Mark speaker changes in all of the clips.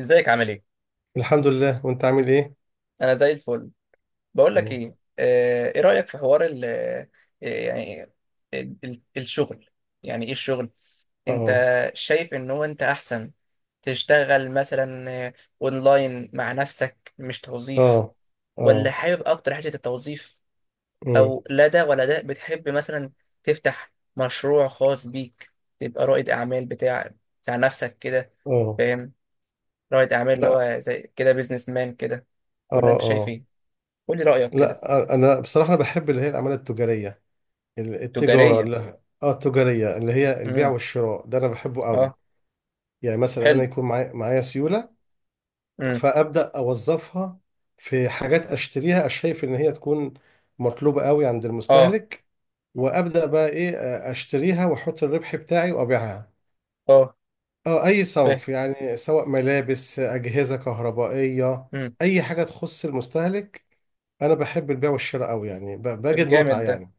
Speaker 1: ازيك عامل ايه؟
Speaker 2: الحمد لله، وانت عامل ايه؟
Speaker 1: انا زي الفل. بقول لك
Speaker 2: تمام.
Speaker 1: ايه، ايه رأيك في حوار ال آه، يعني ال- ال- الشغل. يعني ايه الشغل انت؟
Speaker 2: اه.
Speaker 1: شايف ان هو انت احسن تشتغل مثلا اونلاين مع نفسك، مش توظيف؟
Speaker 2: اه.
Speaker 1: ولا
Speaker 2: اه.
Speaker 1: حابب اكتر حتة التوظيف؟
Speaker 2: امم.
Speaker 1: او لا، ده ولا ده؟ بتحب مثلا تفتح مشروع خاص بيك، تبقى رائد اعمال بتاع نفسك كده؟
Speaker 2: اه.
Speaker 1: فاهم؟ رائد اعمال، اللي
Speaker 2: لا.
Speaker 1: هو زي كده بيزنس مان كده.
Speaker 2: اه.
Speaker 1: ولا انت شايف
Speaker 2: اه.
Speaker 1: ايه؟ قولي رأيك كده.
Speaker 2: لا، انا بصراحه انا بحب اللي هي الاعمال التجاريه. ال- التجاره
Speaker 1: تجارية.
Speaker 2: اللي اه التجاريه اللي هي البيع
Speaker 1: امم.
Speaker 2: والشراء ده انا بحبه قوي.
Speaker 1: اه.
Speaker 2: يعني مثلا انا
Speaker 1: حلو.
Speaker 2: يكون معايا سيوله،
Speaker 1: امم.
Speaker 2: فابدا اوظفها في حاجات اشتريها، شايف ان هي تكون مطلوبه قوي عند
Speaker 1: اه،
Speaker 2: المستهلك، وابدا بقى ايه، اشتريها واحط الربح بتاعي وابيعها.
Speaker 1: اه.
Speaker 2: اه اي
Speaker 1: فاهم.
Speaker 2: صنف، يعني سواء ملابس، اجهزه كهربائيه،
Speaker 1: امم.
Speaker 2: اي حاجه تخص المستهلك. انا بحب البيع والشراء قوي، يعني بجد
Speaker 1: طب
Speaker 2: متعه
Speaker 1: جامد ده.
Speaker 2: يعني.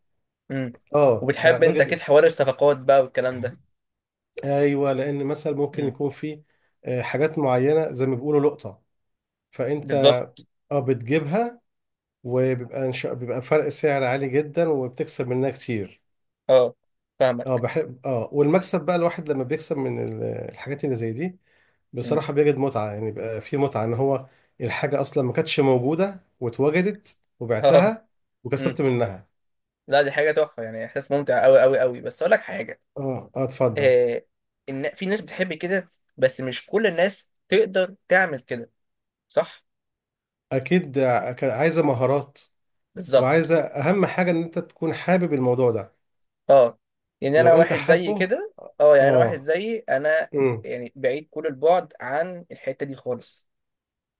Speaker 1: امم.
Speaker 2: اه.
Speaker 1: وبتحب انت اكيد
Speaker 2: بجد.
Speaker 1: حوار الصفقات بقى والكلام ده.
Speaker 2: ايوه، لان مثلا ممكن
Speaker 1: امم.
Speaker 2: يكون في حاجات معينه زي ما بيقولوا لقطه، فانت
Speaker 1: بالظبط.
Speaker 2: اه بتجيبها، وبيبقى إن شاء- بيبقى فرق سعر عالي جدا وبتكسب منها كتير.
Speaker 1: اه.
Speaker 2: اه،
Speaker 1: فاهمك.
Speaker 2: بحب. اه والمكسب بقى، الواحد لما بيكسب من الحاجات اللي زي دي
Speaker 1: امم.
Speaker 2: بصراحة بيجد متعة، يعني بقى في متعة إن هو الحاجة أصلا ما كانتش موجودة واتوجدت
Speaker 1: اه.
Speaker 2: وبعتها
Speaker 1: امم.
Speaker 2: وكسبت منها.
Speaker 1: لا، دي حاجة تحفة، يعني احساس ممتع قوي قوي قوي. بس اقول لك حاجة.
Speaker 2: اه. اه. اتفضل.
Speaker 1: آه. إن في ناس بتحب كده، بس مش كل الناس تقدر تعمل كده، صح؟
Speaker 2: أكيد، كان عايزة مهارات،
Speaker 1: بالظبط.
Speaker 2: وعايزة أهم حاجة إن أنت تكون حابب الموضوع ده،
Speaker 1: اه، يعني
Speaker 2: لو
Speaker 1: انا
Speaker 2: أنت
Speaker 1: واحد زي
Speaker 2: حابه.
Speaker 1: كده. اه، يعني انا واحد
Speaker 2: اه.
Speaker 1: زي انا،
Speaker 2: امم.
Speaker 1: يعني بعيد كل البعد عن الحته دي خالص.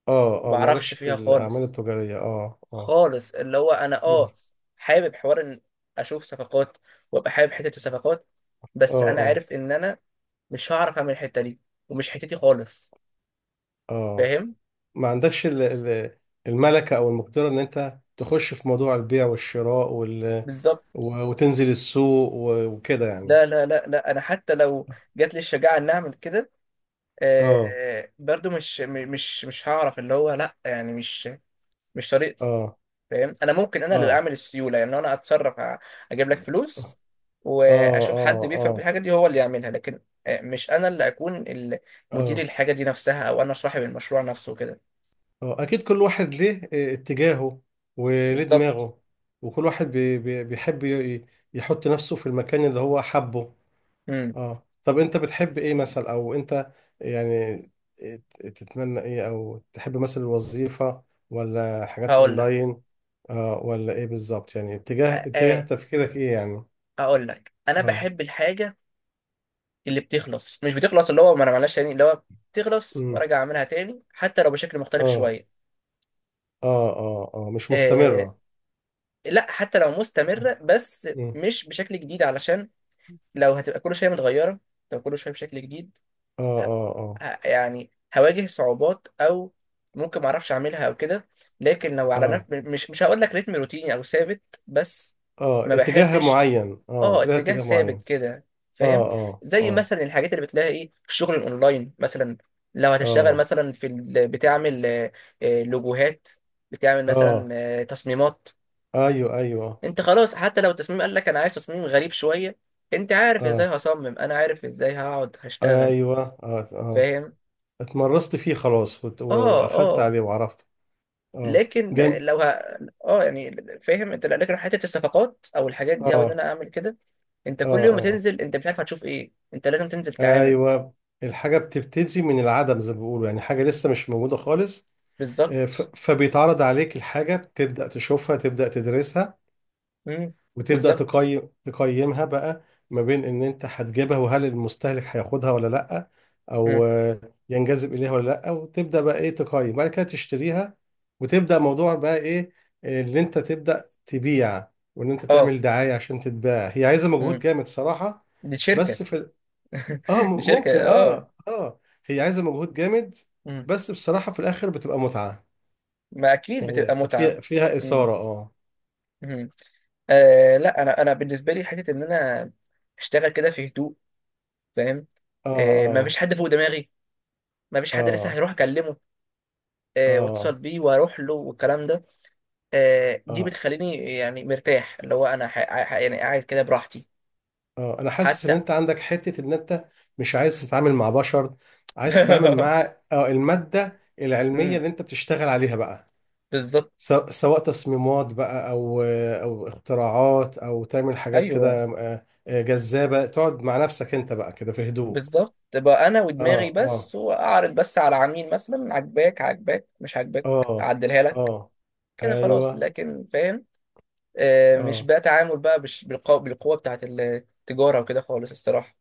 Speaker 2: اه.
Speaker 1: ما
Speaker 2: اه. مالكش
Speaker 1: بعرفش
Speaker 2: في
Speaker 1: فيها
Speaker 2: الأعمال
Speaker 1: خالص،
Speaker 2: التجارية. اه. اه.
Speaker 1: خالص. اللي هو انا،
Speaker 2: مم.
Speaker 1: اه، حابب حوار ان اشوف صفقات وابقى حابب حته الصفقات،
Speaker 2: اه.
Speaker 1: بس انا
Speaker 2: اه.
Speaker 1: عارف ان انا مش هعرف اعمل الحته دي، ومش حتتي خالص،
Speaker 2: اه.
Speaker 1: فاهم؟
Speaker 2: ما عندكش الملكة أو المقدرة إن أنت تخش في موضوع البيع والشراء،
Speaker 1: بالظبط.
Speaker 2: وتنزل السوق وكده يعني.
Speaker 1: لا لا لا لا، انا حتى لو جات لي الشجاعه ان اعمل كده،
Speaker 2: اه.
Speaker 1: برضو مش م- مش مش هعرف، اللي هو لا، يعني مش، مش طريقتي،
Speaker 2: اه.
Speaker 1: فاهم؟ انا ممكن انا اللي
Speaker 2: اه.
Speaker 1: اعمل السيوله، يعني انا اتصرف، اجيب لك فلوس
Speaker 2: اه.
Speaker 1: واشوف حد
Speaker 2: اه.
Speaker 1: بيفهم في
Speaker 2: اه.
Speaker 1: الحاجه دي هو اللي يعملها، لكن مش انا اللي اكون مدير
Speaker 2: اه.
Speaker 1: الحاجه دي نفسها، او انا صاحب المشروع نفسه كده.
Speaker 2: اه. اكيد كل واحد ليه اتجاهه وليه
Speaker 1: بالظبط.
Speaker 2: دماغه، وكل واحد بي بي بيحب يحط نفسه في المكان اللي هو حبه.
Speaker 1: امم.
Speaker 2: اه. طب انت بتحب ايه مثلا، او انت يعني تتمنى ايه، او تحب مثلا الوظيفة ولا حاجات
Speaker 1: هقول لك.
Speaker 2: اونلاين؟ ولا ايه بالظبط، يعني اتجاه
Speaker 1: آه،
Speaker 2: اتجاه
Speaker 1: آه،
Speaker 2: تفكيرك ايه يعني؟
Speaker 1: هقول لك، انا
Speaker 2: اه.
Speaker 1: بحب الحاجه اللي بتخلص، مش بتخلص، اللي هو ما انا، معلش، تاني، اللي هو بتخلص وارجع اعملها تاني حتى لو بشكل مختلف
Speaker 2: اه.
Speaker 1: شويه.
Speaker 2: اه. اه. اه. مش
Speaker 1: آه.
Speaker 2: مستمرة.
Speaker 1: لا، حتى لو
Speaker 2: آه.
Speaker 1: مستمره، بس
Speaker 2: مم.
Speaker 1: مش بشكل جديد، علشان لو هتبقى كل شويه متغيره، لو كل شويه بشكل جديد،
Speaker 2: اه.
Speaker 1: ه...
Speaker 2: اه. اه.
Speaker 1: يعني هواجه صعوبات، او ممكن ما اعرفش اعملها او كده. لكن لو على نفس،
Speaker 2: اه.
Speaker 1: مش، مش هقول لك رتم روتيني او ثابت، بس
Speaker 2: اه.
Speaker 1: ما
Speaker 2: اتجاه
Speaker 1: بحبش.
Speaker 2: معين،
Speaker 1: اه،
Speaker 2: لها
Speaker 1: اتجاه
Speaker 2: اتجاه
Speaker 1: ثابت
Speaker 2: معين.
Speaker 1: كده، فاهم؟
Speaker 2: اه. اه.
Speaker 1: زي
Speaker 2: اه.
Speaker 1: مثلا الحاجات اللي بتلاقي ايه، الشغل الاونلاين مثلا. لو هتشتغل
Speaker 2: اه.
Speaker 1: مثلا في بتعمل لوجوهات، بتعمل مثلا
Speaker 2: اه.
Speaker 1: تصميمات،
Speaker 2: ايوه. ايوه.
Speaker 1: انت خلاص. حتى لو التصميم قال لك انا عايز تصميم غريب شوية، انت عارف ازاي
Speaker 2: اه.
Speaker 1: هصمم، انا عارف ازاي هقعد هشتغل،
Speaker 2: ايوه. اه. اه.
Speaker 1: فاهم؟
Speaker 2: اتمرست فيه خلاص
Speaker 1: اه،
Speaker 2: واخدت
Speaker 1: اه.
Speaker 2: عليه وعرفت. اه.
Speaker 1: لكن
Speaker 2: جم...
Speaker 1: لو اه، يعني فاهم انت، لكن حته الصفقات او الحاجات دي، او ان
Speaker 2: اه.
Speaker 1: انا اعمل كده، انت
Speaker 2: اه.
Speaker 1: كل يوم
Speaker 2: اه.
Speaker 1: تنزل، انت مش عارف هتشوف ايه، انت لازم تنزل تعامل.
Speaker 2: ايوه. الحاجة بتبتدي من العدم زي ما بيقولوا، يعني حاجة لسه مش موجودة خالص.
Speaker 1: بالظبط.
Speaker 2: فبيتعرض عليك الحاجة، بتبدأ تشوفها، تبدأ تدرسها،
Speaker 1: امم.
Speaker 2: وتبدأ
Speaker 1: بالظبط.
Speaker 2: تقيمها بقى، ما بين ان انت هتجيبها وهل المستهلك هياخدها ولا لا،
Speaker 1: امم.
Speaker 2: او ينجذب اليها ولا لا، وتبدأ بقى ايه، تقيم بعد كده تشتريها، وتبدأ موضوع بقى ايه، اللي انت تبدأ تبيع، وان انت
Speaker 1: اه.
Speaker 2: تعمل دعاية عشان تتباع. هي عايزة مجهود
Speaker 1: امم.
Speaker 2: جامد صراحة.
Speaker 1: دي شركه.
Speaker 2: بس، اه.
Speaker 1: دي شركه،
Speaker 2: ممكن.
Speaker 1: اه.
Speaker 2: اه. اه. هي عايزة مجهود جامد،
Speaker 1: امم.
Speaker 2: بس بصراحة في الاخر بتبقى متعة.
Speaker 1: ما اكيد بتبقى
Speaker 2: يعني
Speaker 1: متعه.
Speaker 2: فيها
Speaker 1: امم.
Speaker 2: إثارة اه
Speaker 1: امم. آه، لا، انا بالنسبه لي حته ان انا اشتغل كده في هدوء، فاهم؟ آه، ما فيش
Speaker 2: اه.
Speaker 1: حد فوق دماغي، ما فيش حد لسه
Speaker 2: اه.
Speaker 1: هيروح اكلمه
Speaker 2: اه. اه.
Speaker 1: واتصل بيه واروح له والكلام ده. دي
Speaker 2: اه.
Speaker 1: بتخليني يعني مرتاح، اللي هو انا، يعني قاعد كده براحتي،
Speaker 2: اه. انا حاسس ان
Speaker 1: حتى.
Speaker 2: انت عندك حتة ان انت مش عايز تتعامل مع بشر، عايز تتعامل مع المادة العلمية
Speaker 1: مم،
Speaker 2: اللي انت بتشتغل عليها بقى،
Speaker 1: بالظبط.
Speaker 2: سواء تصميمات بقى، او اختراعات، او تعمل حاجات
Speaker 1: ايوه،
Speaker 2: كده جذابة، تقعد مع نفسك انت بقى كده في هدوء.
Speaker 1: بالظبط. تبقى انا ودماغي
Speaker 2: اه. اه.
Speaker 1: بس، واعرض بس على عميل مثلا، عجباك عجباك، مش عجباك
Speaker 2: اه.
Speaker 1: اعدلها لك
Speaker 2: اه.
Speaker 1: كده خلاص.
Speaker 2: ايوه.
Speaker 1: لكن، فاهم؟ مش
Speaker 2: اه.
Speaker 1: بقى تعامل بقى بالقوة بتاعت التجارة وكده، خالص الصراحة.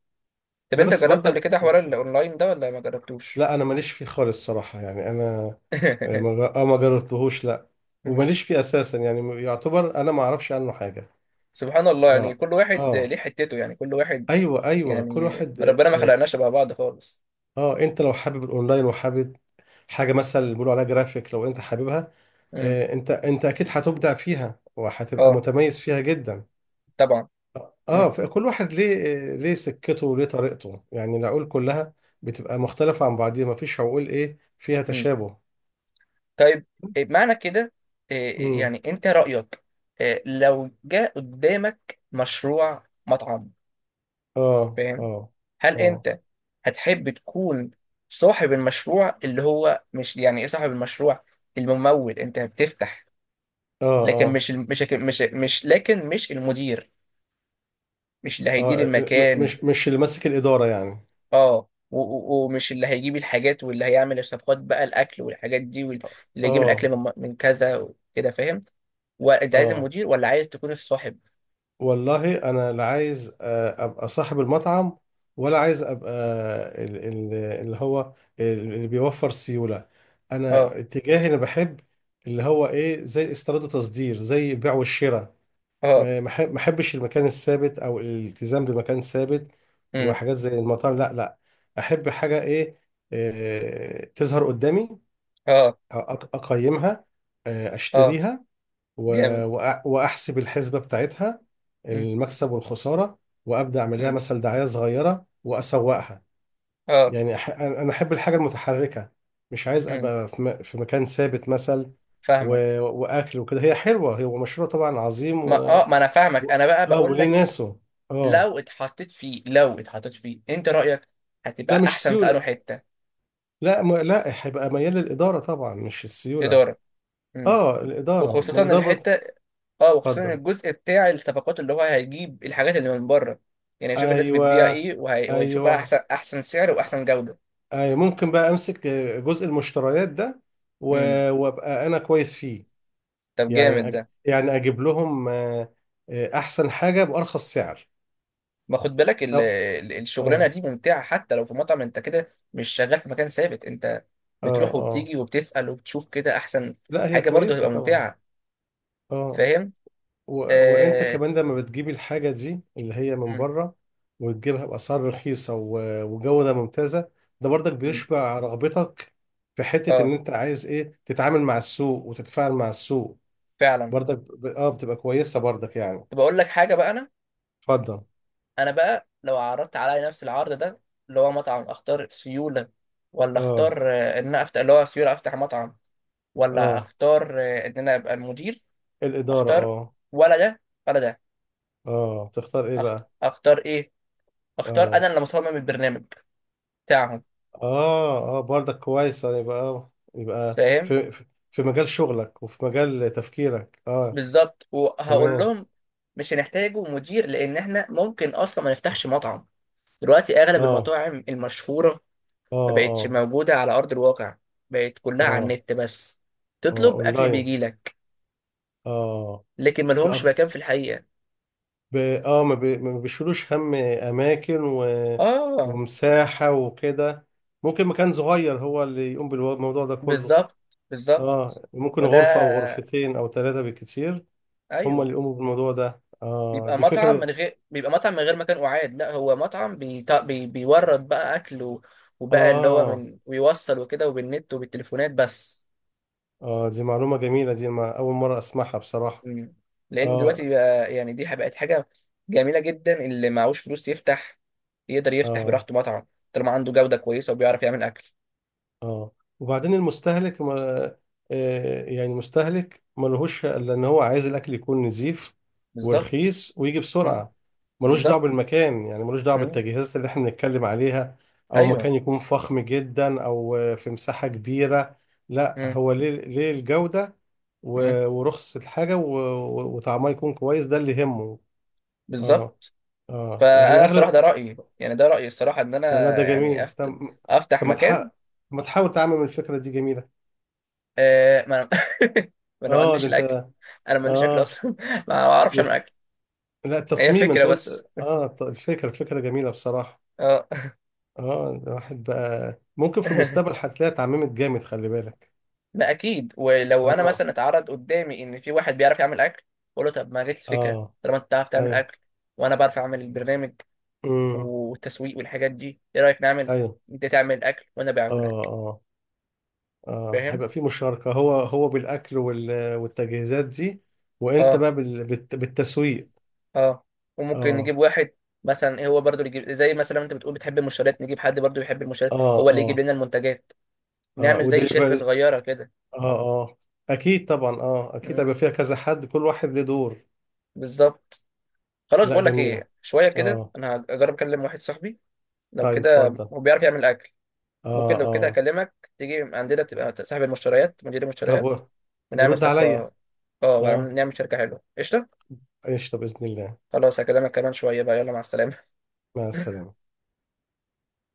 Speaker 1: طب
Speaker 2: ده
Speaker 1: انت
Speaker 2: بس
Speaker 1: جربت قبل
Speaker 2: برضه.
Speaker 1: كده حوار الاونلاين ده ولا ما جربتوش؟
Speaker 2: لا، انا ماليش فيه خالص صراحة، يعني انا آه، ما جر- آه، ما جربتهوش لا،
Speaker 1: مم.
Speaker 2: وماليش فيه اساسا، يعني يعتبر انا ما اعرفش عنه حاجه.
Speaker 1: سبحان الله، يعني
Speaker 2: اه.
Speaker 1: كل واحد
Speaker 2: اه.
Speaker 1: ليه حتته، يعني كل واحد،
Speaker 2: ايوه. ايوه. كل
Speaker 1: يعني
Speaker 2: واحد
Speaker 1: ربنا ما
Speaker 2: اه,
Speaker 1: خلقناش شبه بعض خالص.
Speaker 2: انت لو حابب الاونلاين وحابب حاجه مثلا اللي بيقولوا عليها جرافيك، لو انت حاببها،
Speaker 1: امم.
Speaker 2: انت اكيد هتبدع فيها وهتبقى
Speaker 1: اه.
Speaker 2: متميز فيها جدا.
Speaker 1: طبعا. امم.
Speaker 2: اه. فكل واحد ليه ليه سكته وليه طريقته، يعني العقول كلها بتبقى مختلفه عن بعضيها، ما فيش عقول ايه فيها
Speaker 1: امم.
Speaker 2: تشابه.
Speaker 1: طيب. إيه
Speaker 2: بس.
Speaker 1: معنى كده؟ إيه
Speaker 2: امم.
Speaker 1: يعني انت رأيك إيه لو جاء قدامك مشروع مطعم،
Speaker 2: اه.
Speaker 1: فاهم؟
Speaker 2: اه.
Speaker 1: هل
Speaker 2: اه.
Speaker 1: انت هتحب تكون صاحب المشروع، اللي هو مش يعني ايه صاحب المشروع، الممول؟ انت بتفتح،
Speaker 2: اه.
Speaker 1: لكن
Speaker 2: اه.
Speaker 1: مش المدير مش اللي
Speaker 2: اه.
Speaker 1: هيدير المكان.
Speaker 2: مش اللي ماسك الإدارة يعني.
Speaker 1: اه، ومش اللي هيجيب الحاجات، واللي هيعمل الصفقات بقى، الاكل والحاجات دي، واللي يجيب الاكل
Speaker 2: اه.
Speaker 1: من كذا وكده، فاهم؟ وانت عايز
Speaker 2: اه.
Speaker 1: المدير ولا عايز تكون الصاحب؟
Speaker 2: والله، انا لا عايز ابقى صاحب المطعم، ولا عايز ابقى ال- ال- اللي هو اللي بيوفر سيولة. انا
Speaker 1: اه،
Speaker 2: اتجاهي، انا بحب اللي هو ايه، زي استيراد وتصدير، زي البيع والشراء.
Speaker 1: اه.
Speaker 2: ما احبش المكان الثابت او الالتزام بمكان ثابت،
Speaker 1: امم.
Speaker 2: وحاجات زي المطاعم لا، لا. احب حاجة ايه، تظهر قدامي،
Speaker 1: اه،
Speaker 2: اقيمها،
Speaker 1: اه.
Speaker 2: اشتريها،
Speaker 1: جامد.
Speaker 2: واحسب الحسبه بتاعتها،
Speaker 1: امم.
Speaker 2: المكسب والخساره، وابدا اعمل لها
Speaker 1: امم.
Speaker 2: مثلا دعايه صغيره واسوقها.
Speaker 1: اه.
Speaker 2: يعني انا احب الحاجه المتحركه، مش عايز
Speaker 1: امم.
Speaker 2: ابقى في مكان ثابت مثلا،
Speaker 1: فاهمك.
Speaker 2: واكل وكده. هي حلوه، هو مشروع طبعا عظيم
Speaker 1: ما
Speaker 2: و...
Speaker 1: اه ما انا فاهمك،
Speaker 2: و-
Speaker 1: انا بقى
Speaker 2: اه
Speaker 1: بقول
Speaker 2: وليه
Speaker 1: لك،
Speaker 2: ناسه. اه.
Speaker 1: لو اتحطيت فيه، انت رايك
Speaker 2: لا،
Speaker 1: هتبقى
Speaker 2: مش
Speaker 1: احسن في انه
Speaker 2: سيوله.
Speaker 1: حته
Speaker 2: لا، هيبقى ميال للاداره طبعا مش السيوله.
Speaker 1: اداره. امم.
Speaker 2: اه، الاداره. ما
Speaker 1: وخصوصا
Speaker 2: الاداره برضه.
Speaker 1: الحته، اه، وخصوصا
Speaker 2: اتفضل.
Speaker 1: الجزء بتاع الصفقات، اللي هو هيجيب الحاجات اللي من بره، يعني هيشوف الناس
Speaker 2: ايوه.
Speaker 1: بتبيع ايه وهيشوفها
Speaker 2: ايوه.
Speaker 1: احسن احسن سعر واحسن جودة.
Speaker 2: ايوه. ممكن بقى امسك جزء المشتريات ده،
Speaker 1: امم.
Speaker 2: وابقى انا كويس فيه.
Speaker 1: طب
Speaker 2: يعني
Speaker 1: جامد ده.
Speaker 2: اجيب لهم احسن حاجه بارخص سعر.
Speaker 1: ما خد بالك
Speaker 2: أو...
Speaker 1: الشغلانة
Speaker 2: اه.
Speaker 1: دي ممتعة؟ حتى لو في مطعم، انت كده مش شغال في مكان ثابت. انت
Speaker 2: اه.
Speaker 1: بتروح
Speaker 2: اه.
Speaker 1: وبتيجي وبتسأل وبتشوف كده احسن.
Speaker 2: لا، هي
Speaker 1: حاجة برضه
Speaker 2: كويسه
Speaker 1: هتبقى
Speaker 2: طبعا.
Speaker 1: ممتعة،
Speaker 2: اه.
Speaker 1: فاهم؟
Speaker 2: و... وانت
Speaker 1: آه...
Speaker 2: كمان لما بتجيبي الحاجه دي اللي هي من
Speaker 1: مم.
Speaker 2: بره، وتجيبها باسعار رخيصه وجوده ممتازه، ده برضك
Speaker 1: مم.
Speaker 2: بيشبع رغبتك في حته ان
Speaker 1: اه،
Speaker 2: انت عايز ايه تتعامل مع السوق وتتفاعل مع السوق.
Speaker 1: فعلا.
Speaker 2: برضك ب... اه بتبقى كويسة برضك يعني.
Speaker 1: طب اقول لك حاجة بقى.
Speaker 2: اتفضل.
Speaker 1: انا بقى لو عرضت عليا نفس العرض ده، اللي هو مطعم، اختار سيوله ولا
Speaker 2: اه.
Speaker 1: اختار ان انا افتح، اللي هو سيوله افتح مطعم، ولا
Speaker 2: اه.
Speaker 1: اختار ان انا ابقى المدير؟
Speaker 2: الإدارة.
Speaker 1: اختار،
Speaker 2: اه.
Speaker 1: ولا ده ولا ده؟
Speaker 2: اه. تختار ايه بقى؟
Speaker 1: اختار ايه؟ اختار
Speaker 2: اه.
Speaker 1: انا اللي مصمم البرنامج بتاعهم،
Speaker 2: اه. اه. برضك كويسة، يبقى
Speaker 1: فاهم؟
Speaker 2: في مجال شغلك وفي مجال تفكيرك. اه.
Speaker 1: بالظبط. وهقول
Speaker 2: تمام.
Speaker 1: لهم مش هنحتاجوا مدير، لان احنا ممكن اصلا ما نفتحش مطعم. دلوقتي اغلب
Speaker 2: اه.
Speaker 1: المطاعم المشهوره ما
Speaker 2: اه.
Speaker 1: بقتش
Speaker 2: اه.
Speaker 1: موجوده على ارض الواقع، بقت كلها على
Speaker 2: اه.
Speaker 1: النت بس،
Speaker 2: اه.
Speaker 1: تطلب اكل
Speaker 2: اونلاين.
Speaker 1: بيجيلك،
Speaker 2: اه.
Speaker 1: لكن ما لهمش
Speaker 2: بقى-
Speaker 1: مكان في الحقيقة.
Speaker 2: ب... اه ما, بي... ما بيشيلوش هم اماكن
Speaker 1: اه،
Speaker 2: ومساحة وكده. ممكن مكان صغير هو اللي يقوم بالموضوع ده كله.
Speaker 1: بالظبط، بالظبط.
Speaker 2: اه. ممكن
Speaker 1: وده،
Speaker 2: غرفة او غرفتين او ثلاثة بالكتير، هم
Speaker 1: ايوه.
Speaker 2: اللي يقوموا بالموضوع ده. اه دي فكرة.
Speaker 1: بيبقى مطعم من غير مكان قعاد، لا هو مطعم بيورد بقى اكل، وبقى اللي هو
Speaker 2: اه.
Speaker 1: من، ويوصل وكده، وبالنت وبالتليفونات بس.
Speaker 2: اه. دي معلومة جميلة، دي ما اول مرة اسمعها بصراحة.
Speaker 1: مم. لان دلوقتي
Speaker 2: اه.
Speaker 1: بقى يعني دي بقت حاجة جميلة جدا، اللي معهوش فلوس يفتح يقدر يفتح
Speaker 2: اه.
Speaker 1: براحته مطعم، طالما عنده جودة كويسة وبيعرف يعمل اكل.
Speaker 2: اه. وبعدين المستهلك، ما آه، يعني مستهلك ملهوش الا ان هو عايز الاكل يكون نظيف
Speaker 1: بالظبط.
Speaker 2: ورخيص ويجي
Speaker 1: مم.
Speaker 2: بسرعه. ملوش دعوه
Speaker 1: بالظبط.
Speaker 2: بالمكان، يعني ملوش دعوه
Speaker 1: مم.
Speaker 2: بالتجهيزات اللي احنا بنتكلم عليها، او
Speaker 1: ايوه.
Speaker 2: مكان يكون فخم جدا او في مساحه كبيره. لا،
Speaker 1: مم.
Speaker 2: هو ليه، الجوده،
Speaker 1: مم.
Speaker 2: ورخص الحاجه وطعمها يكون كويس، ده اللي يهمه. اه.
Speaker 1: بالظبط.
Speaker 2: اه. يعني
Speaker 1: فانا الصراحه ده
Speaker 2: اغلب.
Speaker 1: رايي، يعني ده رايي الصراحه، ان انا
Speaker 2: لا، ده
Speaker 1: يعني
Speaker 2: جميل. طب.
Speaker 1: افتح
Speaker 2: طب،
Speaker 1: مكان.
Speaker 2: ما تحاول تعمم الفكره دي؟ جميله.
Speaker 1: آه، ما انا، ما انا ما
Speaker 2: اه. ده
Speaker 1: عنديش الاكل،
Speaker 2: انت.
Speaker 1: انا ما عنديش اكل
Speaker 2: اه
Speaker 1: اصلا. ما اعرفش
Speaker 2: مش
Speaker 1: اعمل اكل.
Speaker 2: لا،
Speaker 1: هي
Speaker 2: التصميم
Speaker 1: فكره
Speaker 2: انت قلت.
Speaker 1: بس.
Speaker 2: اه. الفكره جميله بصراحه.
Speaker 1: اه.
Speaker 2: اه. الواحد بقى ممكن في المستقبل هتلاقيها اتعممت جامد، خلي بالك.
Speaker 1: لا اكيد، ولو انا
Speaker 2: اه.
Speaker 1: مثلا اتعرض قدامي ان في واحد بيعرف يعمل اكل، اقول له طب ما جت الفكره،
Speaker 2: اه.
Speaker 1: طالما انت بتعرف تعمل
Speaker 2: ايوه.
Speaker 1: اكل وانا بعرف اعمل البرنامج
Speaker 2: امم.
Speaker 1: والتسويق والحاجات دي، ايه رايك نعمل،
Speaker 2: ايوه.
Speaker 1: انت تعمل اكل وانا
Speaker 2: اه.
Speaker 1: ابيعه لك،
Speaker 2: اه. اه.
Speaker 1: فاهم؟
Speaker 2: هيبقى في مشاركه، هو بالاكل والتجهيزات دي، وانت
Speaker 1: اه،
Speaker 2: بقى بالتسويق.
Speaker 1: اه. وممكن
Speaker 2: اه.
Speaker 1: نجيب واحد مثلا، إيه هو برضو اللي يجيب، زي مثلا انت بتقول بتحب المنشورات، نجيب حد برضو يحب المنشورات
Speaker 2: اه.
Speaker 1: هو اللي يجيب
Speaker 2: اه.
Speaker 1: لنا المنتجات،
Speaker 2: اه.
Speaker 1: نعمل زي شركة
Speaker 2: ودليفري.
Speaker 1: صغيرة كده.
Speaker 2: اه. اه. اكيد طبعا. اه. اكيد
Speaker 1: مم،
Speaker 2: هيبقى فيها كذا حد، كل واحد له دور.
Speaker 1: بالظبط. خلاص،
Speaker 2: لا،
Speaker 1: بقول لك
Speaker 2: جميله.
Speaker 1: ايه، شوية كده
Speaker 2: اه.
Speaker 1: انا هجرب اكلم واحد صاحبي، لو
Speaker 2: طيب.
Speaker 1: كده
Speaker 2: اتفضل.
Speaker 1: هو بيعرف يعمل اكل،
Speaker 2: اه.
Speaker 1: ممكن لو كده
Speaker 2: اه.
Speaker 1: اكلمك تيجي عندنا، تبقى صاحب المشتريات، مدير
Speaker 2: طب،
Speaker 1: المشتريات، ونعمل
Speaker 2: ورد عليا.
Speaker 1: صفقة. اه،
Speaker 2: اه.
Speaker 1: ونعمل شركة حلوة، قشطة.
Speaker 2: قشطة بإذن الله.
Speaker 1: خلاص، هكلمك كمان شوية بقى. يلا، مع السلامة.
Speaker 2: مع السلامة.